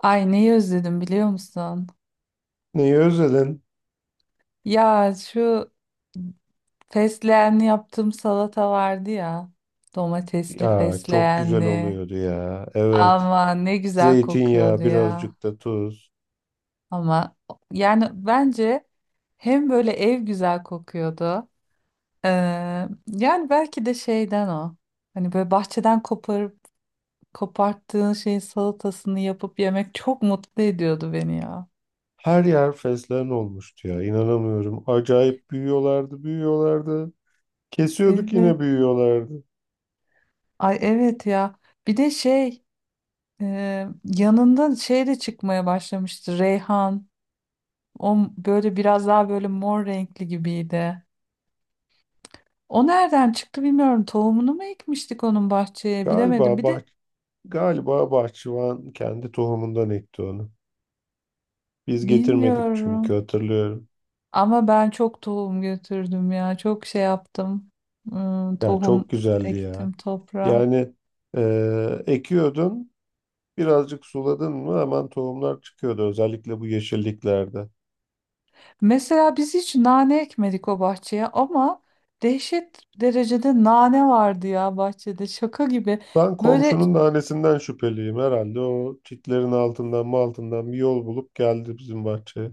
Ay neyi özledim biliyor musun? Neyi özledin? Ya şu fesleğenli yaptığım salata vardı ya. Domatesli Ya çok güzel fesleğenli. oluyordu ya. Evet. Ama ne güzel Zeytinyağı, kokuyordu ya. birazcık da tuz. Ama yani bence hem böyle ev güzel kokuyordu. Ee, Yani belki de şeyden o. Hani böyle bahçeden koparıp koparttığın şeyin salatasını yapıp yemek çok mutlu ediyordu beni ya. Her yer fesleğen olmuştu ya. İnanamıyorum. Acayip büyüyorlardı, büyüyorlardı. Kesiyorduk yine Evet. büyüyorlardı. Ay evet ya. Bir de şey. Yanında şey de çıkmaya başlamıştı. Reyhan. O böyle biraz daha böyle mor renkli gibiydi. O nereden çıktı bilmiyorum. Tohumunu mu ekmiştik onun bahçeye bilemedim. Galiba Bir bah de Galiba bahçıvan kendi tohumundan ekti onu. Biz getirmedik çünkü bilmiyorum. hatırlıyorum. Ama ben çok tohum götürdüm ya. Çok şey yaptım. Hmm, Ya çok tohum güzeldi ya. ektim toprağa. Yani ekiyordun, birazcık suladın mı hemen tohumlar çıkıyordu. Özellikle bu yeşilliklerde. Mesela biz hiç nane ekmedik o bahçeye ama dehşet derecede nane vardı ya bahçede. Şaka gibi. Ben Böyle komşunun da şüpheliyim herhalde. O çitlerin altından mı altından bir yol bulup geldi bizim bahçeye.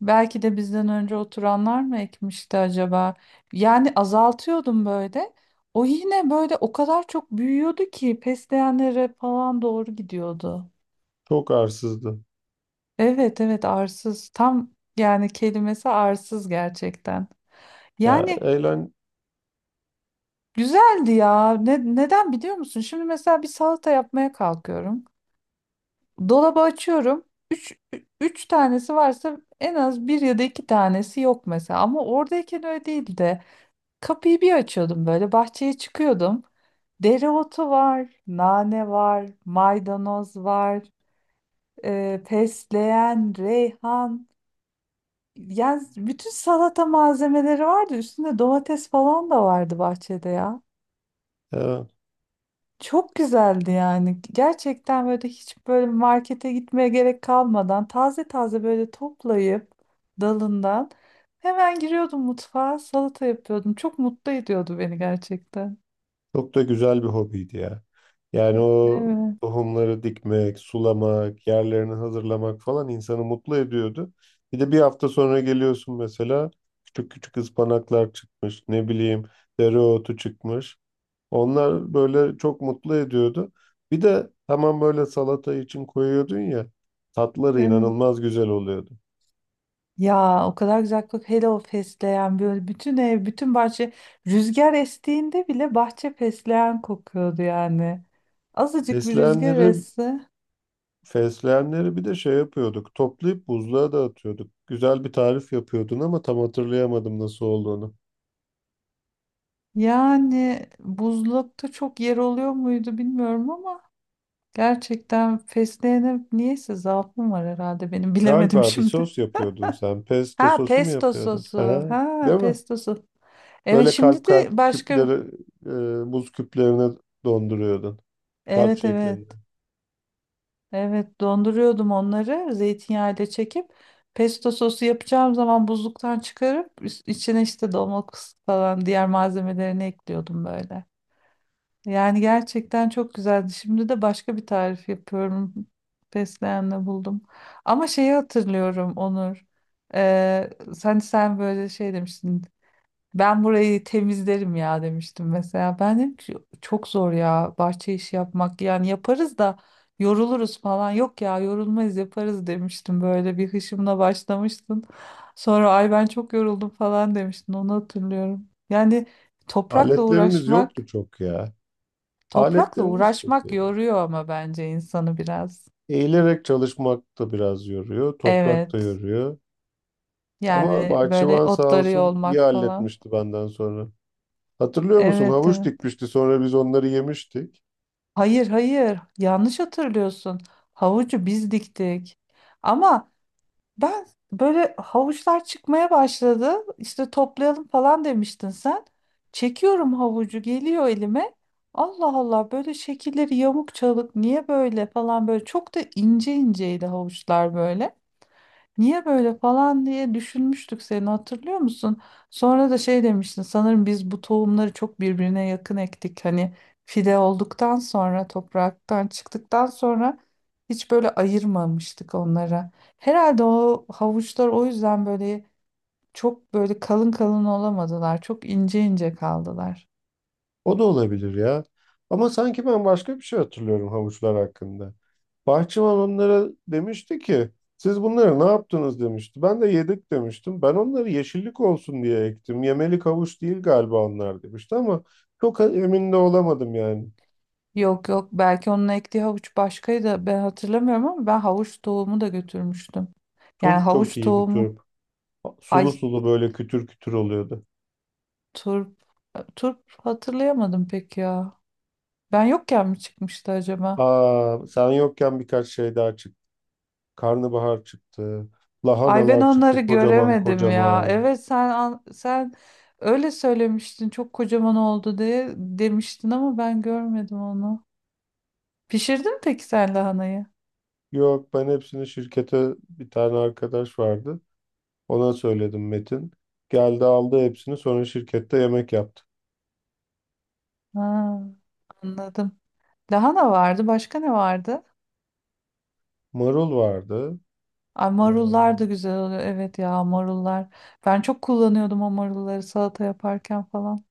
Belki de bizden önce oturanlar mı ekmişti acaba? Yani azaltıyordum böyle. O yine böyle o kadar çok büyüyordu ki fesleğenlere falan doğru gidiyordu. Çok arsızdı. Evet, evet, arsız. Tam yani kelimesi arsız gerçekten. Ya Yani eğlen güzeldi ya. Neden biliyor musun? Şimdi mesela bir salata yapmaya kalkıyorum. Dolabı açıyorum. Üç tanesi varsa en az bir ya da iki tanesi yok mesela. Ama oradayken öyle değildi. Kapıyı bir açıyordum böyle bahçeye çıkıyordum. Dereotu var, nane var, maydanoz var, fesleğen, reyhan. Yani bütün salata malzemeleri vardı. Üstünde domates falan da vardı bahçede ya. ya, Çok güzeldi yani. Gerçekten böyle hiç böyle markete gitmeye gerek kalmadan taze taze böyle toplayıp dalından hemen giriyordum mutfağa salata yapıyordum. Çok mutlu ediyordu beni gerçekten. çok da güzel bir hobiydi ya. Yani o Evet, tohumları dikmek, sulamak, yerlerini hazırlamak falan insanı mutlu ediyordu. Bir de bir hafta sonra geliyorsun mesela küçük küçük ıspanaklar çıkmış, ne bileyim dereotu çıkmış. Onlar böyle çok mutlu ediyordu. Bir de hemen böyle salata için koyuyordun ya, tatları evet. inanılmaz güzel oluyordu. Ya o kadar güzel kokuyor. Hele o fesleğen böyle bütün ev, bütün bahçe rüzgar estiğinde bile bahçe fesleğen kokuyordu yani. Azıcık bir rüzgar Fesleğenleri, esse. fesleğenleri bir de şey yapıyorduk, toplayıp buzluğa dağıtıyorduk. Güzel bir tarif yapıyordun ama tam hatırlayamadım nasıl olduğunu. Yani buzlukta çok yer oluyor muydu bilmiyorum ama gerçekten fesleğene niyeyse zaafım var herhalde benim bilemedim Galiba bir şimdi. sos yapıyordun sen. Pesto Ha, sosu mu pesto yapıyordun? sosu. Ha, Ha, değil mi? pesto sosu. Evet Böyle kalp şimdi de kalp başka. küpleri, buz küplerine donduruyordun. Kalp Evet, evet. şeklinde. Evet, donduruyordum onları zeytinyağıyla çekip pesto sosu yapacağım zaman buzluktan çıkarıp içine işte domates falan diğer malzemelerini ekliyordum böyle. Yani gerçekten çok güzeldi. Şimdi de başka bir tarif yapıyorum. Fesleğenle buldum. Ama şeyi hatırlıyorum, Onur. Ee, sen böyle şey demiştin. Ben burayı temizlerim ya demiştim mesela. Ben dedim ki çok zor ya bahçe işi yapmak. Yani yaparız da yoruluruz falan. Yok ya yorulmayız yaparız demiştim. Böyle bir hışımla başlamıştın. Sonra ay ben çok yoruldum falan demiştin. Onu hatırlıyorum. Yani toprakla Aletlerimiz yoktu uğraşmak, çok ya. toprakla Aletlerimiz uğraşmak kötüydü. yoruyor ama bence insanı biraz. Eğilerek çalışmak da biraz yoruyor, toprak da Evet. yoruyor. Ama Yani böyle bahçıvan sağ otları olsun iyi yolmak falan. halletmişti benden sonra. Hatırlıyor musun? Evet, Havuç evet. dikmişti, sonra biz onları yemiştik. Hayır, hayır, yanlış hatırlıyorsun. Havucu biz diktik. Ama ben böyle havuçlar çıkmaya başladı. İşte toplayalım falan demiştin sen. Çekiyorum havucu geliyor elime. Allah Allah böyle şekilleri yamuk çalık niye böyle falan böyle çok da ince inceydi havuçlar böyle. Niye böyle falan diye düşünmüştük seni hatırlıyor musun? Sonra da şey demiştin sanırım biz bu tohumları çok birbirine yakın ektik. Hani fide olduktan sonra topraktan çıktıktan sonra hiç böyle ayırmamıştık onlara. Herhalde o havuçlar o yüzden böyle çok böyle kalın kalın olamadılar. Çok ince ince kaldılar. O da olabilir ya. Ama sanki ben başka bir şey hatırlıyorum havuçlar hakkında. Bahçıvan onlara demişti ki siz bunları ne yaptınız demişti. Ben de yedik demiştim. Ben onları yeşillik olsun diye ektim. Yemelik havuç değil galiba onlar demişti ama çok emin de olamadım yani. Yok, yok, belki onun ektiği havuç başkaydı ben hatırlamıyorum ama ben havuç tohumu da götürmüştüm. Yani Turp çok havuç iyiydi tohumu turp. ay Sulu sulu böyle kütür kütür oluyordu. turp hatırlayamadım pek ya. Ben yokken mi çıkmıştı acaba? Aa, sen yokken birkaç şey daha çıktı. Karnabahar çıktı. Ay ben Lahanalar çıktı onları kocaman göremedim ya. kocaman. Evet sen öyle söylemiştin çok kocaman oldu diye demiştin ama ben görmedim onu. Pişirdin mi peki sen lahanayı? Yok ben hepsini şirkete bir tane arkadaş vardı. Ona söyledim Metin. Geldi aldı hepsini sonra şirkette yemek yaptı. Ha, anladım. Lahana vardı. Başka ne vardı? Marul vardı. Ay Ee, marullar da güzel oluyor. Evet ya marullar. Ben çok kullanıyordum o marulları salata yaparken falan.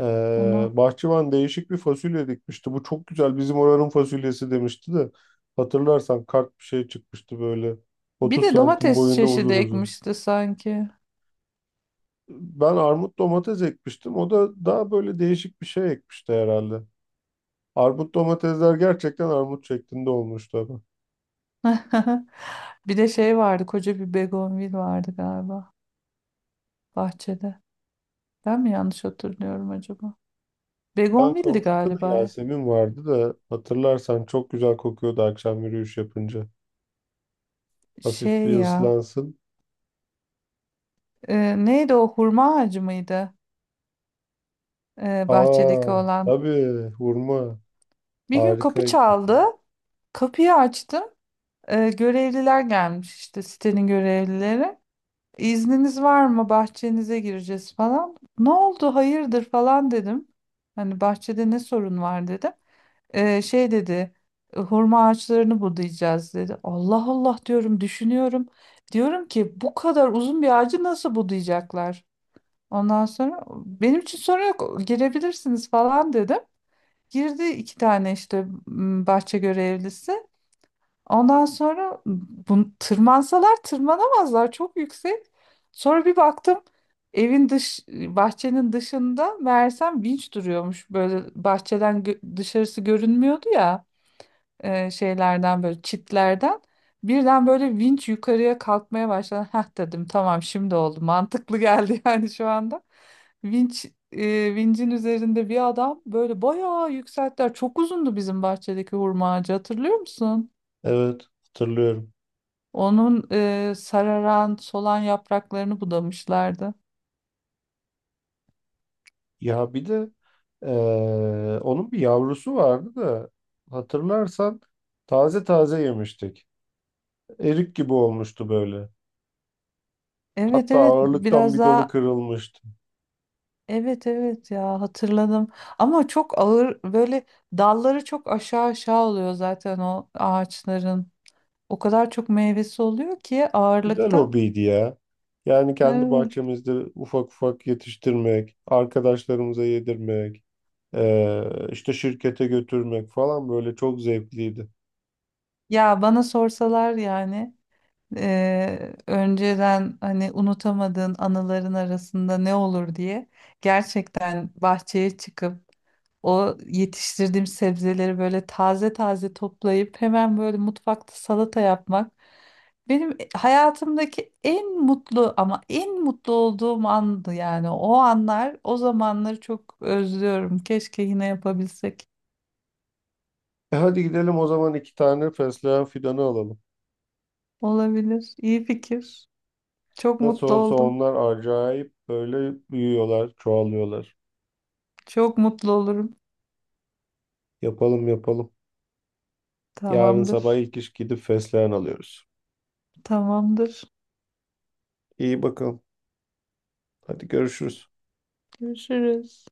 Onu. bahçıvan değişik bir fasulye dikmişti. Bu çok güzel bizim oranın fasulyesi demişti de. Hatırlarsan kart bir şey çıkmıştı böyle. Bir 30 de santim domates boyunda çeşidi uzun uzun. ekmişti sanki. Ben armut domates ekmiştim. O da daha böyle değişik bir şey ekmişti herhalde. Armut domatesler gerçekten armut şeklinde olmuştu. Bir de şey vardı. Koca bir begonvil vardı galiba bahçede. Ben mi yanlış hatırlıyorum acaba? Yan Begonvil'di komşuda da galiba. Yasemin vardı da hatırlarsan çok güzel kokuyordu akşam yürüyüş yapınca. Hafif bir Şey ya. ıslansın. Neydi o hurma ağacı mıydı? Bahçedeki Aa, olan. tabii, hurma Bir gün kapı harikaydı. çaldı. Kapıyı açtım. Görevliler gelmiş işte sitenin görevlileri. İzniniz var mı? Bahçenize gireceğiz falan. Ne oldu? Hayırdır falan dedim. Hani bahçede ne sorun var dedim. Şey dedi, Hurma ağaçlarını budayacağız," dedi. Allah Allah diyorum düşünüyorum. Diyorum ki bu kadar uzun bir ağacı nasıl budayacaklar? Ondan sonra benim için sorun yok girebilirsiniz falan dedim. Girdi iki tane işte bahçe görevlisi. Ondan sonra tırmansalar tırmanamazlar çok yüksek. Sonra bir baktım evin dış bahçenin dışında meğersem vinç duruyormuş. Böyle bahçeden dışarısı görünmüyordu ya, şeylerden böyle çitlerden birden böyle vinç yukarıya kalkmaya başladı. Heh dedim tamam şimdi oldu mantıklı geldi yani şu anda. Vinç vincin üzerinde bir adam böyle bayağı yükselttiler. Çok uzundu bizim bahçedeki hurma ağacı hatırlıyor musun? Evet, hatırlıyorum. Onun sararan solan yapraklarını budamışlardı. Ya bir de onun bir yavrusu vardı da hatırlarsan taze taze yemiştik. Erik gibi olmuştu böyle. Evet, Hatta evet, ağırlıktan biraz bir dalı daha. kırılmıştı. Evet, evet ya, hatırladım. Ama çok ağır böyle dalları çok aşağı aşağı oluyor zaten o ağaçların. O kadar çok meyvesi oluyor ki Güzel ağırlıktan. hobiydi ya. Yani kendi Evet. bahçemizde ufak ufak yetiştirmek, arkadaşlarımıza yedirmek, işte şirkete götürmek falan böyle çok zevkliydi. Ya bana sorsalar yani, önceden hani unutamadığın anıların arasında ne olur diye gerçekten bahçeye çıkıp o yetiştirdiğim sebzeleri böyle taze taze toplayıp hemen böyle mutfakta salata yapmak benim hayatımdaki en mutlu ama en mutlu olduğum andı yani o anlar o zamanları çok özlüyorum. Keşke yine yapabilsek. E hadi gidelim o zaman iki tane fesleğen fidanı alalım. Olabilir. İyi fikir. Çok Nasıl mutlu olsa oldum. onlar acayip böyle büyüyorlar, çoğalıyorlar. Çok mutlu olurum. Yapalım yapalım. Yarın sabah Tamamdır. ilk iş gidip fesleğen alıyoruz. Tamamdır. İyi bakalım. Hadi görüşürüz. Görüşürüz.